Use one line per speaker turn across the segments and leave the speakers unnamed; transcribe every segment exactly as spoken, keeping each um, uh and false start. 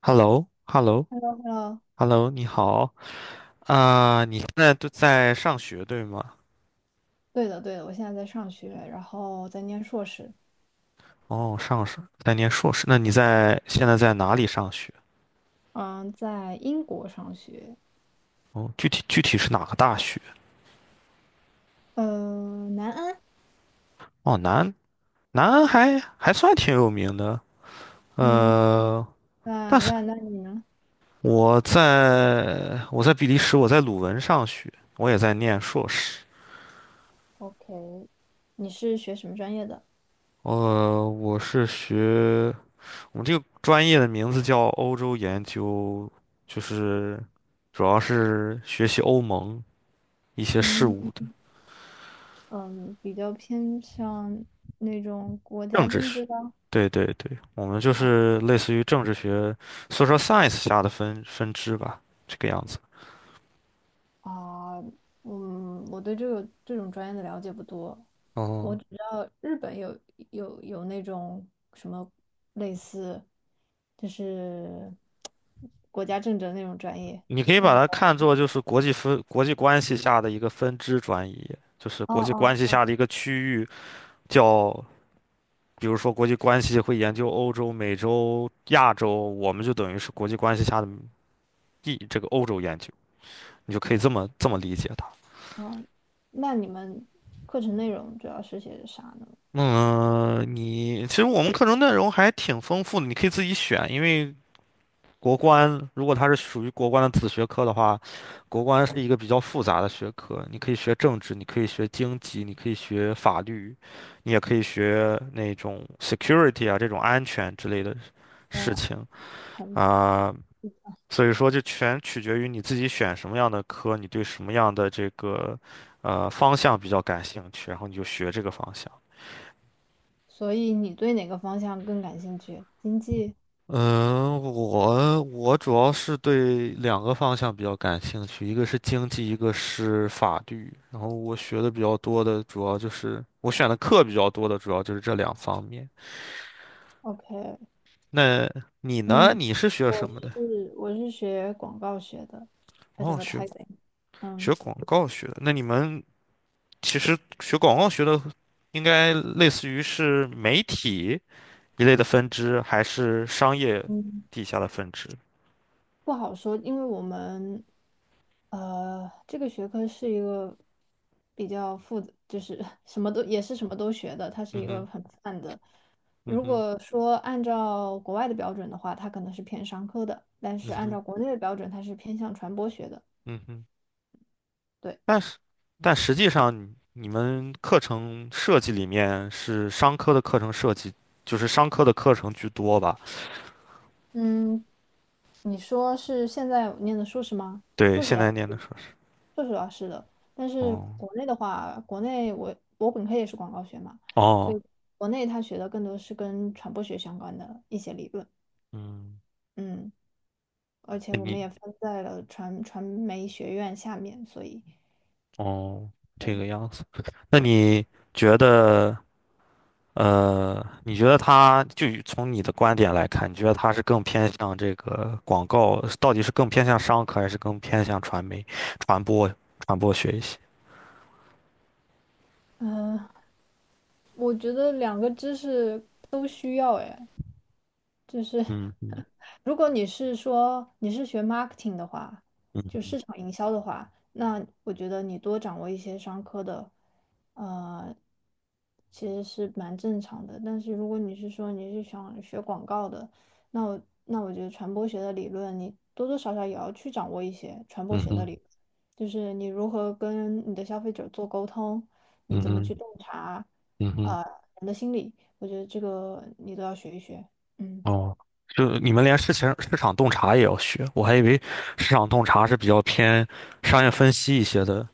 h e l l o h e l l o
呃，
h e l l o， 你好啊。你现在都在上学对吗？
对的，对的，我现在在上学，然后在念硕士，
哦，上是在念硕士，那你在现在在哪里上学？
嗯，在英国上学，
哦，具体具体是哪个大学？
嗯、南安，
哦，南，南还还算挺有名的，
嗯，
呃，
那
但是
那那你呢
我在我在比利时，我在鲁汶上学，我也在念硕士，
？OK，你是学什么专业的？
呃，我是学我们这个专业的名字叫欧洲研究，就是主要是学习欧盟一些事
嗯
务的
嗯，比较偏向那种国家
政治
政
学。
治的
对对对，我们就
啊
是类似于政治学 s o c science） 下的分分支吧，这个样子。
啊，嗯，我对这个这种专业的了解不多，我
哦，
只知道日本有有有那种类似就是国家政治那种专业，
你可以
但
把
是
它看
我
作就是国际分国际关系下的一个分支专业，就是
哦
国际关
哦
系下
哦，
的一个区域叫，比如说国际关系会研究欧洲、美洲、亚洲，我们就等于是国际关系下的一这个欧洲研究。你就可以这么这么理解它。
哦那你们课程内容主要是些啥呢？
嗯，你其实我们课程内容还挺丰富的，你可以自己选，因为国关如果它是属于国关的子学科的话，国关是一个比较复杂的学科，你可以学政治，你可以学经济，你可以学法律，你也可以学那种 security 啊这种安全之类的事
我
情
很
啊，所以说就全取决于你自己选什么样的科，你对什么样的这个呃方向比较感兴趣，然后你就学这个方向。
所以你对哪个方向更感兴趣？经济
嗯，我我主要是对两个方向比较感兴趣，一个是经济，一个是法律。然后我学的比较多的，主要就是我选的课比较多的，主要就是这两方面。
？OK，
那你呢？
嗯，
你是学
我
什
是
么的？
我是学广告学的
哦，学
，advertising，
学
嗯。
广告学的。那你们其实学广告学的，应该类似于是媒体一类的分支，还是商业
嗯。
底下的分支？
不好说，因为我们呃这个学科是一个比较复杂，就是 什么都也是什么都学的，它是
嗯
一
哼，
个很泛的。
嗯
如
哼，
果说按照国外的标准的话，它可能是偏商科的，但
嗯
是按
哼，
照国内的标准，它是偏向传播学的。
嗯哼。
对。
但是，但实际上你，你们课程设计里面是商科的课程设计，就是商科的课程居多吧？
嗯，你说是现在念的硕士吗？
对，
硕士
现
的
在
话，
念的硕士。
硕士的话是的，但是
哦
国内的话，国内我我本科也是广告学嘛，所
哦，
以国内他学的更多是跟传播学相关的一些理论，
嗯，
嗯，而且
那
我们
你
也分在了传传媒学院下面，所以，
哦这个样子，那你觉得呃，你觉得他就以从你的观点来看，你觉得他是更偏向这个广告，到底是更偏向商科，还是更偏向传媒、传播、传播学一些？
嗯、我觉得两个知识都需要，哎，就是
嗯嗯
如果你是说你是学 marketing 的话，就
嗯
市场营销的话，那我觉得你多掌握一些商科的，呃，其实是蛮正常的。但是如果你是说你是想学广告的，那我那我觉得传播学的理论你多多少少也要去掌握一些传播
嗯
学的
嗯
理论就是你如何跟你的消费者做沟通，你
嗯
怎么去
嗯
洞察，
嗯嗯。
呃，人的心理，我觉得这个你都要学一学。嗯。
哦，就你们连事情市场洞察也要学，我还以为市场洞察是比较偏商业分析一些的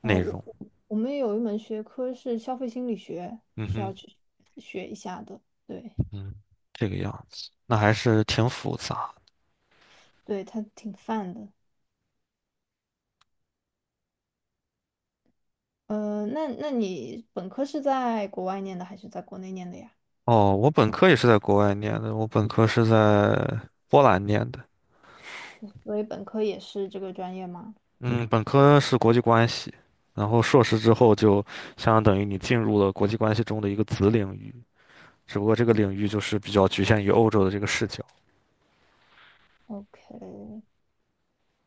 哦，
内
我
容。
我我们有一门学科是消费心理学，
嗯
是要
哼，
去学一下的。对，
嗯，这个样子，那还是挺复杂。
对，它挺泛的。呃，那那你本科是在国外念的还是在国内念的呀？
哦，我本科也是在国外念的，我本科是在波兰念的。
所以本科也是这个专业吗
嗯，本科是国际关系，然后硕士之后就相当于你进入了国际关系中的一个子领域，只不过这个领域就是比较局限于欧洲的这个视角。
？OK，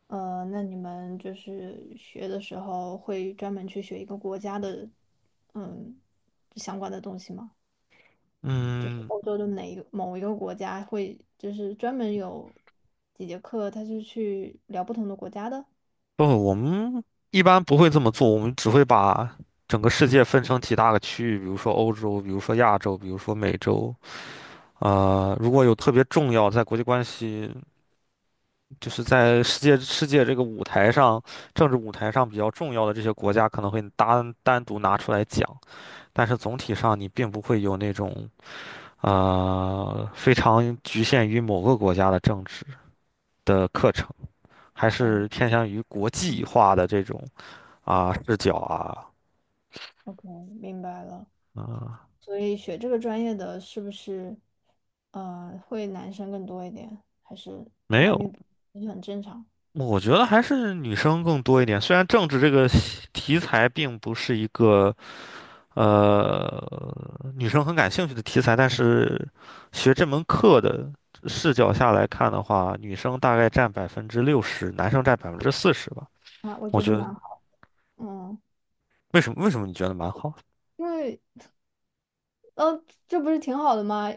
呃，那你们就是学的时候会专门去学一个国家的，嗯，相关的东西吗？就是
嗯。
欧洲的哪一个某一个国家会，就是专门有几节课，他是去聊不同的国家的。
不，我们一般不会这么做，我们只会把整个世界分成几大个区域，比如说欧洲，比如说亚洲，比如说美洲。呃，如果有特别重要，在国际关系，就是在世界世界这个舞台上，政治舞台上比较重要的这些国家，可能会单单独拿出来讲。但是总体上，你并不会有那种呃非常局限于某个国家的政治的课程，还
懂
是
了，
偏向于国际
嗯
化的这种啊、视角啊。
，OK，明白了。
啊，
所以学这个专业的是不是，呃，会男生更多一点，还是
没有，
男女比很正常
我觉得还是女生更多一点。虽然政治这个题材并不是一个呃女生很感兴趣的题材，但是学这门课的视角下来看的话，女生大概占百分之六十，男生占百分之四十吧。
啊？我
我
觉
觉
得
得
蛮好，嗯，
为什么为什么你觉得蛮好？
因为呃，这不是挺好的吗？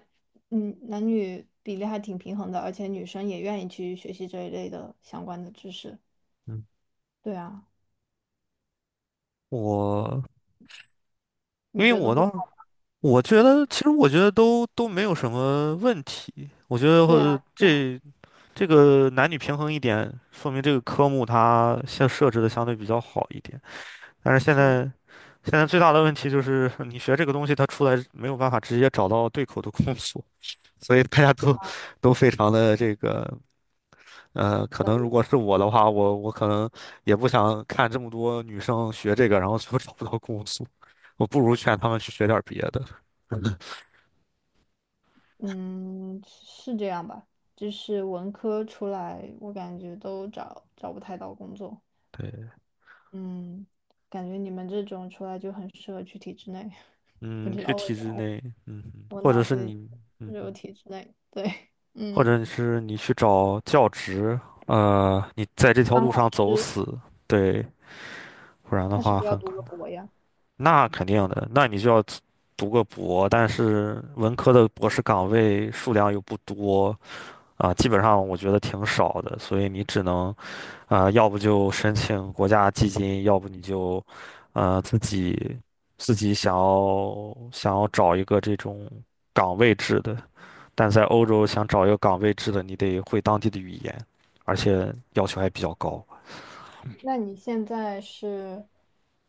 嗯，男女比例还挺平衡的，而且女生也愿意去学习这一类的相关的知识。
嗯，
对啊，
我因
你
为
觉得
我
不
当时。
好？
我觉得，其实我觉得都都没有什么问题。我觉得
对
呃
啊。
这这个男女平衡一点，说明这个科目它现设置的相对比较好一点。但是现
是，
在现在最大的问题就是，你学这个东西，它出来没有办法直接找到对口的工作，所以大家都都非常的这个呃，可
咱
能如
们
果是我的话，我我可能也不想看这么多女生学这个，然后最后找不到工作，我不如劝他们去学点别的。
嗯是这样吧，就是文科出来，我感觉都找找不太到工作。
对。
嗯，感觉你们这种出来就很适合去体制内，不
嗯，
知
去
道为
体
什
制
么，
内，嗯哼，
我
或者
脑
是
子里
你，
只
嗯
有
哼，
体制内。对，
或
嗯，
者是你去找教职，呃，你在这条
当
路
老
上走
师
死，对，不然的
那是不
话
是要
很
读
可
个
能。
博呀？
那肯定的，那你就要读个博，但是文科的博士岗位数量又不多啊，基本上我觉得挺少的，所以你只能啊，要不就申请国家基金，要不你就，呃，自己自己想要想要找一个这种岗位制的。但在欧洲想找一个岗位制的，你得会当地的语言，而且要求还比较高。
那你现在是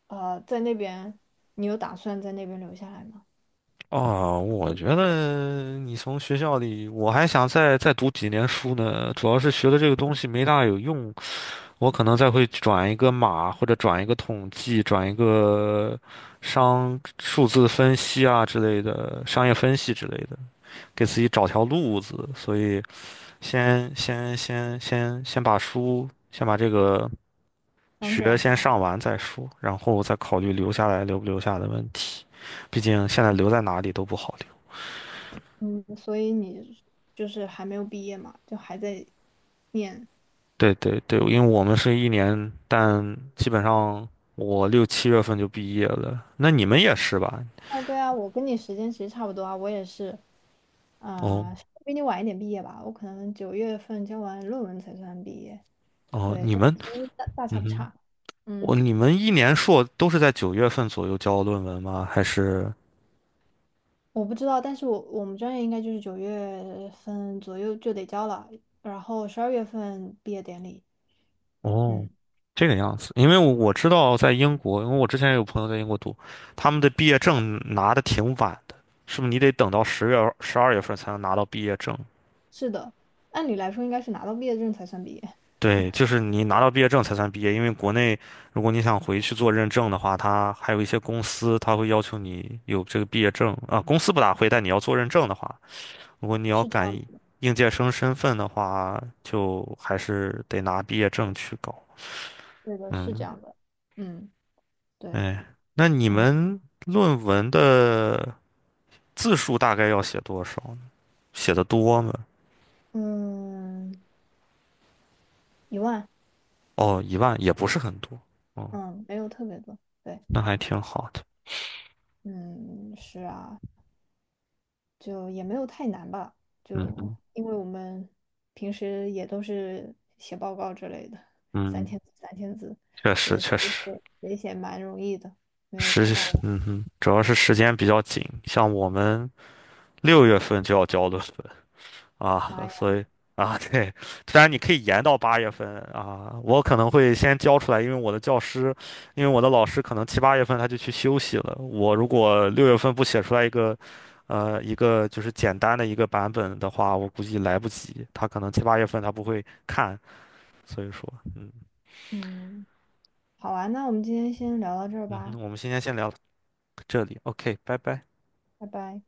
呃在那边，你有打算在那边留下来吗？
哦，我觉得你从学校里，我还想再再读几年书呢。主要是学的这个东西没大有用，我可能再会转一个码，或者转一个统计，转一个商数字分析啊之类的，商业分析之类的，给自己找条路子。所以先先先先先把书，先把这个
想
学
转
先
行？
上完再说，然后再考虑留下来留不留下的问题。毕竟现在留在哪里都不好留。
嗯，所以你就是还没有毕业嘛，就还在念。
对对对，因为我们是一年，但基本上我六七月份就毕业了。那你们也是吧？
啊，对啊，我跟你时间其实差不多啊，我也是，
哦
啊、比你晚一点毕业吧，我可能九月份交完论文才算毕业。
哦，
对，
你
但是
们，
其实大大差
嗯
不
哼，
差。
我
嗯，
你们一年硕都是在九月份左右交论文吗？还是？
我不知道，但是我我们专业应该就是九月份左右就得交了，然后十二月份毕业典礼。
哦，
嗯，
这个样子，因为我我知道在英国，因为我之前有朋友在英国读，他们的毕业证拿的挺晚的，是不是？你得等到十月、十二月份才能拿到毕业证？
是的，按理来说应该是拿到毕业证才算毕业，
对，就是你拿到毕业证才算毕业，因为国内如果你想回去做认证的话，它还有一些公司，它会要求你有这个毕业证啊，公司不大会，但你要做认证的话，如果你要
是这
赶
样子的，
应届生身份的话，就还是得拿毕业证去搞。
对的，是这
嗯，
样的。嗯，对。
哎，那你
嗯
们论文的字数大概要写多少呢写的多吗？
嗯，一万，
哦，一万也不是很多，哦，
嗯，没有特别多，对，
那还挺好的。
嗯，是啊，就也没有太难吧，
嗯
就
嗯
因为我们平时也都是写报告之类的，三
嗯，
千字三千字，
确
觉
实
得写
确实，
写写写蛮容易的，没有
时，
太大的，
嗯哼，主要是时间比较紧，像我们六月份就要交的文，啊，
妈呀，
所以啊，对，虽然你可以延到八月份啊，我可能会先交出来，因为我的教师，因为我的老师可能七八月份他就去休息了。我如果六月份不写出来一个，呃，一个就是简单的一个版本的话，我估计来不及。他可能七八月份他不会看，所以说，嗯
嗯，好啊，那我们今天先聊到这儿
嗯
吧，
哼，我们今天先聊到这里，OK，拜拜。
拜拜。